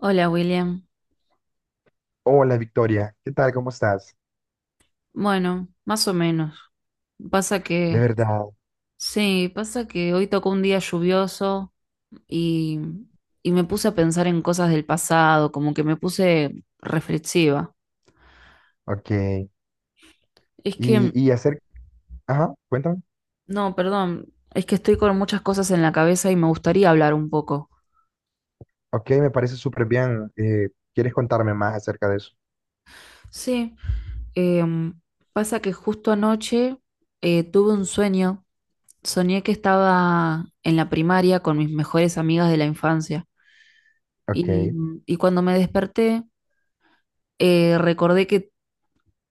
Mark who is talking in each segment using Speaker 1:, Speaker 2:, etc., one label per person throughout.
Speaker 1: Hola William.
Speaker 2: Hola Victoria, ¿qué tal? ¿Cómo estás?
Speaker 1: Bueno, más o menos. Pasa
Speaker 2: De
Speaker 1: que,
Speaker 2: verdad,
Speaker 1: sí, pasa que hoy tocó un día lluvioso y, y me puse a pensar en cosas del pasado, como que me puse reflexiva.
Speaker 2: ok.
Speaker 1: Es
Speaker 2: Y,
Speaker 1: que,
Speaker 2: y acerca, ajá, cuéntame.
Speaker 1: no, perdón, es que estoy con muchas cosas en la cabeza y me gustaría hablar un poco.
Speaker 2: Ok, me parece súper bien. ¿Quieres contarme más acerca de eso?
Speaker 1: Sí, em, pasa que justo anoche tuve un sueño. Soñé que estaba en la primaria con mis mejores amigas de la infancia.
Speaker 2: Ok.
Speaker 1: Y, y cuando me desperté, recordé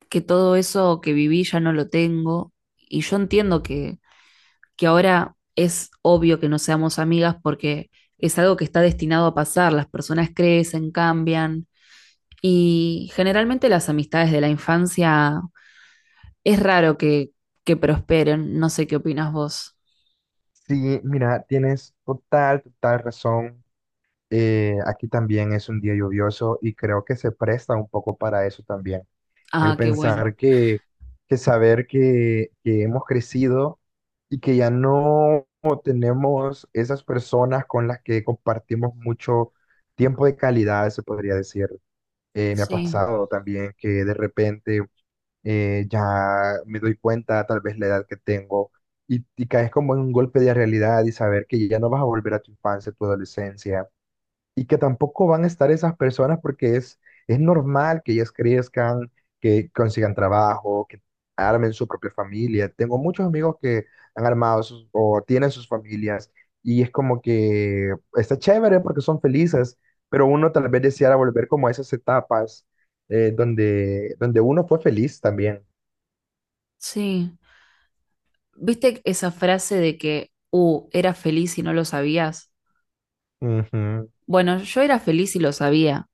Speaker 1: que todo eso que viví ya no lo tengo y yo entiendo que ahora es obvio que no seamos amigas porque es algo que está destinado a pasar, las personas crecen, cambian y generalmente las amistades de la infancia es raro que prosperen, no sé qué opinas vos.
Speaker 2: Sí, mira, tienes total, total razón. Aquí también es un día lluvioso y creo que se presta un poco para eso también. El
Speaker 1: Ah, qué bueno.
Speaker 2: pensar que saber que hemos crecido y que ya no tenemos esas personas con las que compartimos mucho tiempo de calidad, se podría decir. Me ha
Speaker 1: Sí,
Speaker 2: pasado también que de repente ya me doy cuenta, tal vez la edad que tengo, y caes como en un golpe de realidad y saber que ya no vas a volver a tu infancia, tu adolescencia y que tampoco van a estar esas personas porque es normal que ellas crezcan, que consigan trabajo, que armen su propia familia. Tengo muchos amigos que han armado o tienen sus familias y es como que está chévere porque son felices, pero uno tal vez deseara volver como a esas etapas donde uno fue feliz también.
Speaker 1: sí. ¿Viste esa frase de que, eras feliz y no lo sabías?
Speaker 2: Ujú,
Speaker 1: Bueno, yo era feliz y lo sabía.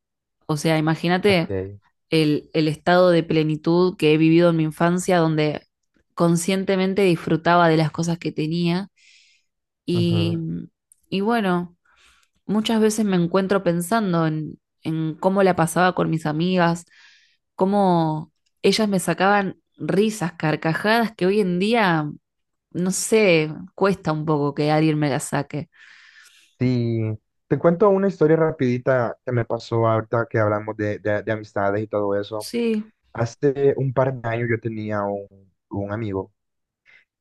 Speaker 1: O sea, imagínate
Speaker 2: ok,
Speaker 1: el estado de plenitud que he vivido en mi infancia, donde conscientemente disfrutaba de las cosas que tenía. Y,
Speaker 2: ujú.
Speaker 1: y bueno, muchas veces me encuentro pensando en cómo la pasaba con mis amigas, cómo ellas me sacaban risas, carcajadas, que hoy en día, no sé, cuesta un poco que alguien me las saque.
Speaker 2: Sí, te cuento una historia rapidita que me pasó ahorita que hablamos de amistades y todo eso.
Speaker 1: Sí.
Speaker 2: Hace un par de años yo tenía un amigo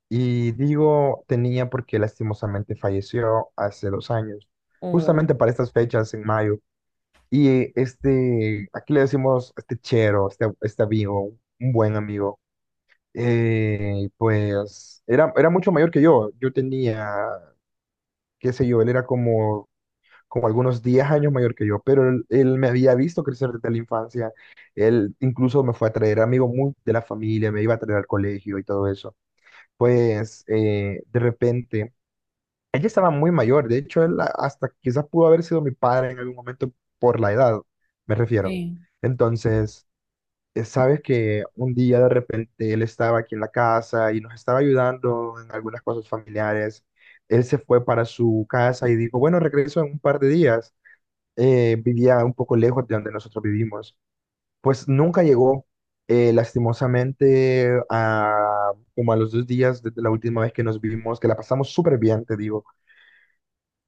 Speaker 2: y digo tenía porque lastimosamente falleció hace 2 años,
Speaker 1: Oh,
Speaker 2: justamente para estas fechas en mayo. Y este, aquí le decimos este chero, este amigo, un buen amigo, pues era mucho mayor que yo. Yo tenía, qué sé yo, él era como algunos 10 años mayor que yo, pero él me había visto crecer desde la infancia. Él incluso me fue a traer amigos muy de la familia, me iba a traer al colegio y todo eso. Pues de repente, ella estaba muy mayor, de hecho él hasta quizás pudo haber sido mi padre en algún momento por la edad, me refiero.
Speaker 1: sí.
Speaker 2: Entonces, sabes que un día de repente él estaba aquí en la casa y nos estaba ayudando en algunas cosas familiares. Él se fue para su casa y dijo, bueno, regreso en un par de días vivía un poco lejos de donde nosotros vivimos. Pues nunca llegó, lastimosamente, como a los 2 días desde la última vez que nos vivimos, que la pasamos súper bien, te digo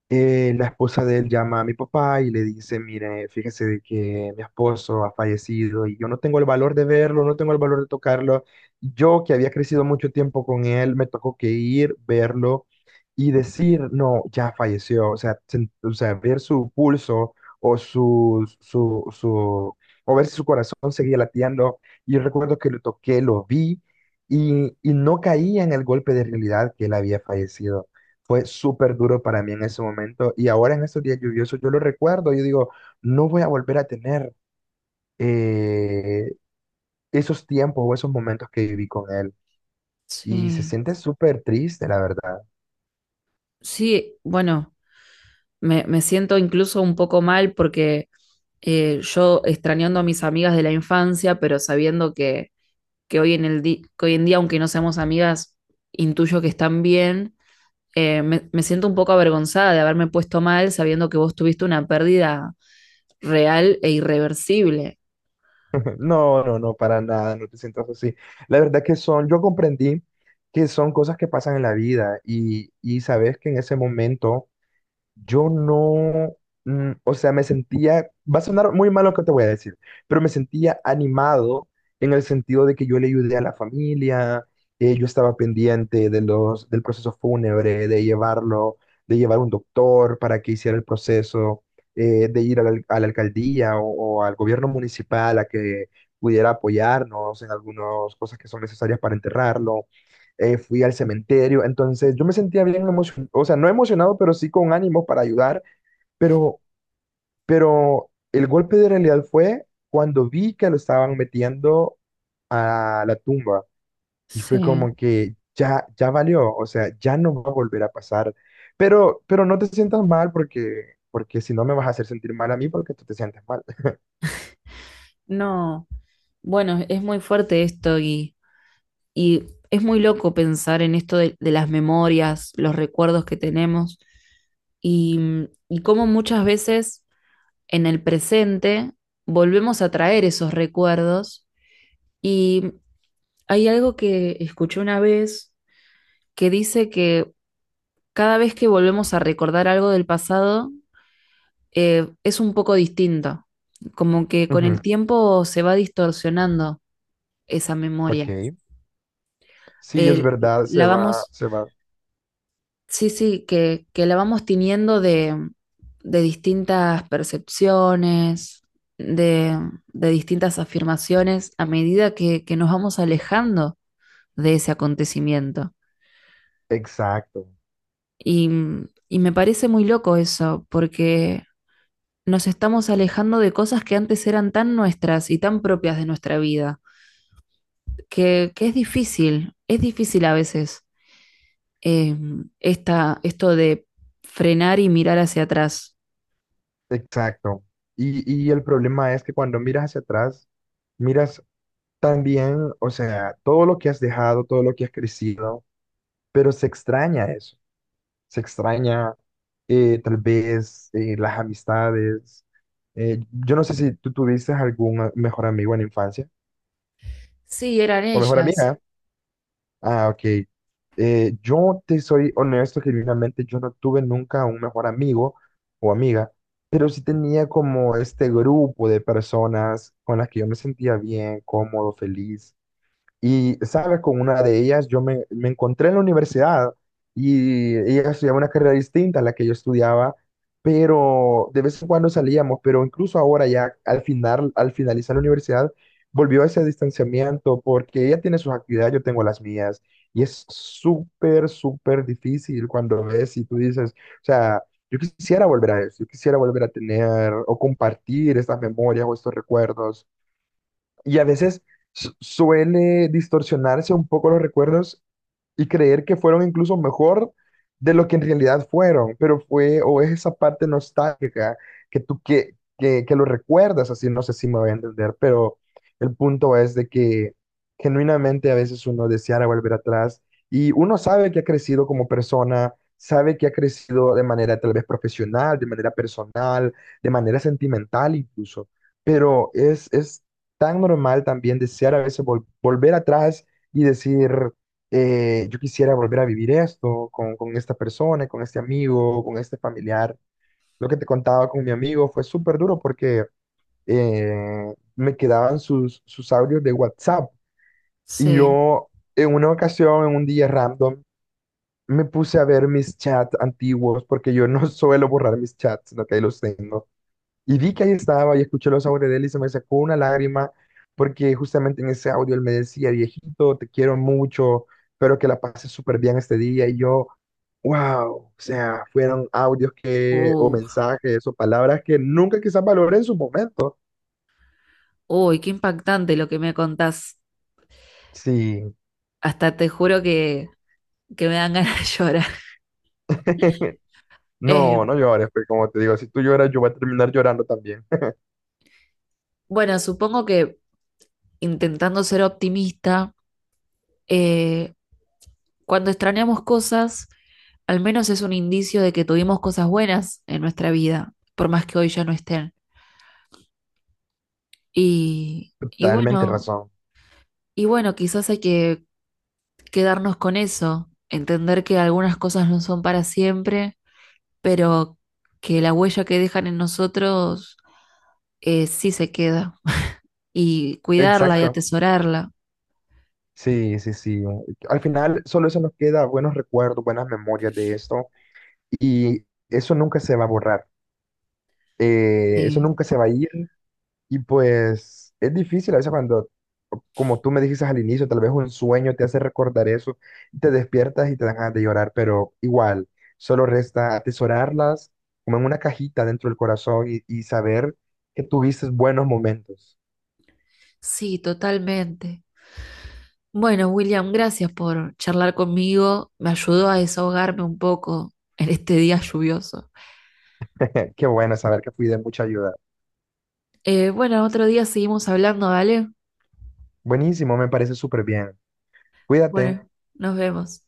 Speaker 2: la esposa de él llama a mi papá y le dice, mire, fíjese de que mi esposo ha fallecido y yo no tengo el valor de verlo, no tengo el valor de tocarlo. Yo que había crecido mucho tiempo con él, me tocó que ir, verlo y decir, no, ya falleció. O sea, ver su pulso o su, su, su, o ver si su corazón seguía latiendo. Y yo recuerdo que lo toqué, lo vi y no caía en el golpe de realidad que él había fallecido. Fue súper duro para mí en ese momento y ahora en estos días lluviosos yo lo recuerdo, yo digo, no voy a volver a tener eh, esos tiempos o esos momentos que viví con él. Y se
Speaker 1: Sí.
Speaker 2: siente súper triste, la verdad.
Speaker 1: Sí, bueno, me siento incluso un poco mal porque yo extrañando a mis amigas de la infancia, pero sabiendo que hoy en el que hoy en día, aunque no seamos amigas, intuyo que están bien, me siento un poco avergonzada de haberme puesto mal sabiendo que vos tuviste una pérdida real e irreversible.
Speaker 2: No, no, no, para nada, no te sientas así. La verdad que son, yo comprendí que son cosas que pasan en la vida y sabes que en ese momento yo no, o sea, me sentía, va a sonar muy mal lo que te voy a decir, pero me sentía animado en el sentido de que yo le ayudé a la familia, yo estaba pendiente del proceso fúnebre, de llevarlo, de llevar un doctor para que hiciera el proceso, de ir a la alcaldía o al gobierno municipal a que pudiera apoyarnos en algunas cosas que son necesarias para enterrarlo fui al cementerio, entonces yo me sentía bien emocionado, o sea, no emocionado, pero sí con ánimo para ayudar, pero, pero el golpe de realidad fue cuando vi que lo estaban metiendo a la tumba y fue
Speaker 1: Sí,
Speaker 2: como que ya, ya valió, o sea, ya no va a volver a pasar, pero no te sientas mal porque si no me vas a hacer sentir mal a mí porque tú te sientes mal.
Speaker 1: no, bueno, es muy fuerte esto. Y es muy loco pensar en esto de las memorias, los recuerdos que tenemos y, y cómo muchas veces en el presente volvemos a traer esos recuerdos. Y hay algo que escuché una vez que dice que cada vez que volvemos a recordar algo del pasado, es un poco distinto, como que con el
Speaker 2: Ujú,
Speaker 1: tiempo se va distorsionando esa
Speaker 2: ok,
Speaker 1: memoria.
Speaker 2: sí, es
Speaker 1: Eh,
Speaker 2: verdad,
Speaker 1: la vamos
Speaker 2: se va,
Speaker 1: Sí, sí, que la vamos teniendo de distintas percepciones, de, de distintas afirmaciones a medida que nos vamos alejando de ese acontecimiento.
Speaker 2: exacto.
Speaker 1: Y, y me parece muy loco eso, porque nos estamos alejando de cosas que antes eran tan nuestras y tan propias de nuestra vida, que es difícil a veces, eh, esto de frenar y mirar hacia atrás.
Speaker 2: Exacto. Y, y el problema es que cuando miras hacia atrás, miras también, o sea, todo lo que has dejado, todo lo que has crecido, pero se extraña eso. Se extraña tal vez las amistades. Yo no sé si tú tuviste algún mejor amigo en la infancia
Speaker 1: Sí, eran
Speaker 2: o mejor
Speaker 1: ellas.
Speaker 2: amiga. Ah, ok. Yo te soy honesto, genuinamente, yo no tuve nunca un mejor amigo o amiga, pero sí tenía como este grupo de personas con las que yo me sentía bien, cómodo, feliz. Y, ¿sabes? Con una de ellas yo me encontré en la universidad y ella estudiaba una carrera distinta a la que yo estudiaba, pero de vez en cuando salíamos, pero incluso ahora ya al final, al finalizar la universidad, volvió a ese distanciamiento porque ella tiene sus actividades, yo tengo las mías. Y es súper, súper difícil cuando ves y tú dices, o sea, yo quisiera volver a eso, yo quisiera volver a tener o compartir estas memorias o estos recuerdos y a veces suele distorsionarse un poco los recuerdos y creer que fueron incluso mejor de lo que en realidad fueron, pero fue o es esa parte nostálgica que tú que lo recuerdas, así no sé si me voy a entender, pero el punto es de que genuinamente a veces uno deseara volver atrás y uno sabe que ha crecido como persona, sabe que ha crecido de manera tal vez profesional, de manera personal, de manera sentimental incluso, pero es tan normal también desear a veces volver atrás y decir yo quisiera volver a vivir esto con esta persona, con este amigo, con este familiar. Lo que te contaba con mi amigo fue súper duro porque me quedaban sus audios de WhatsApp y
Speaker 1: Sí.
Speaker 2: yo en una ocasión, en un día random, me puse a ver mis chats antiguos porque yo no suelo borrar mis chats, sino que ahí los tengo. Y vi que ahí estaba y escuché los audios de él y se me sacó una lágrima porque justamente en ese audio él me decía, viejito, te quiero mucho, espero que la pases súper bien este día. Y yo, wow, o sea, fueron audios que, o
Speaker 1: Uh,
Speaker 2: mensajes o palabras que nunca quizás valoré en su momento.
Speaker 1: uy, qué impactante lo que me contás.
Speaker 2: Sí.
Speaker 1: Hasta te juro que me dan ganas de llorar.
Speaker 2: No, no
Speaker 1: Eh,
Speaker 2: llores, pues como te digo, si tú lloras, yo voy a terminar llorando también.
Speaker 1: bueno, supongo que intentando ser optimista, eh, cuando extrañamos cosas, al menos es un indicio de que tuvimos cosas buenas en nuestra vida, por más que hoy ya no estén. Y, y
Speaker 2: Totalmente
Speaker 1: bueno,
Speaker 2: razón.
Speaker 1: y bueno, quizás hay que quedarnos con eso, entender que algunas cosas no son para siempre, pero que la huella que dejan en nosotros, sí se queda, y cuidarla y
Speaker 2: Exacto.
Speaker 1: atesorarla.
Speaker 2: Sí, sí, sí. Al final solo eso nos queda buenos recuerdos, buenas memorias de esto. Y eso nunca se va a borrar, eso
Speaker 1: Eh,
Speaker 2: nunca se va a ir y pues es difícil a veces cuando, como tú me dijiste al inicio, tal vez un sueño te hace recordar eso, y te despiertas y te dan ganas de llorar, pero igual, solo resta atesorarlas como en una cajita dentro del corazón y saber que tuviste buenos momentos.
Speaker 1: sí, totalmente. Bueno, William, gracias por charlar conmigo. Me ayudó a desahogarme un poco en este día lluvioso.
Speaker 2: Qué bueno saber que fui de mucha ayuda.
Speaker 1: Bueno, otro día seguimos hablando, ¿vale?
Speaker 2: Buenísimo, me parece súper bien. Cuídate.
Speaker 1: Bueno, nos vemos.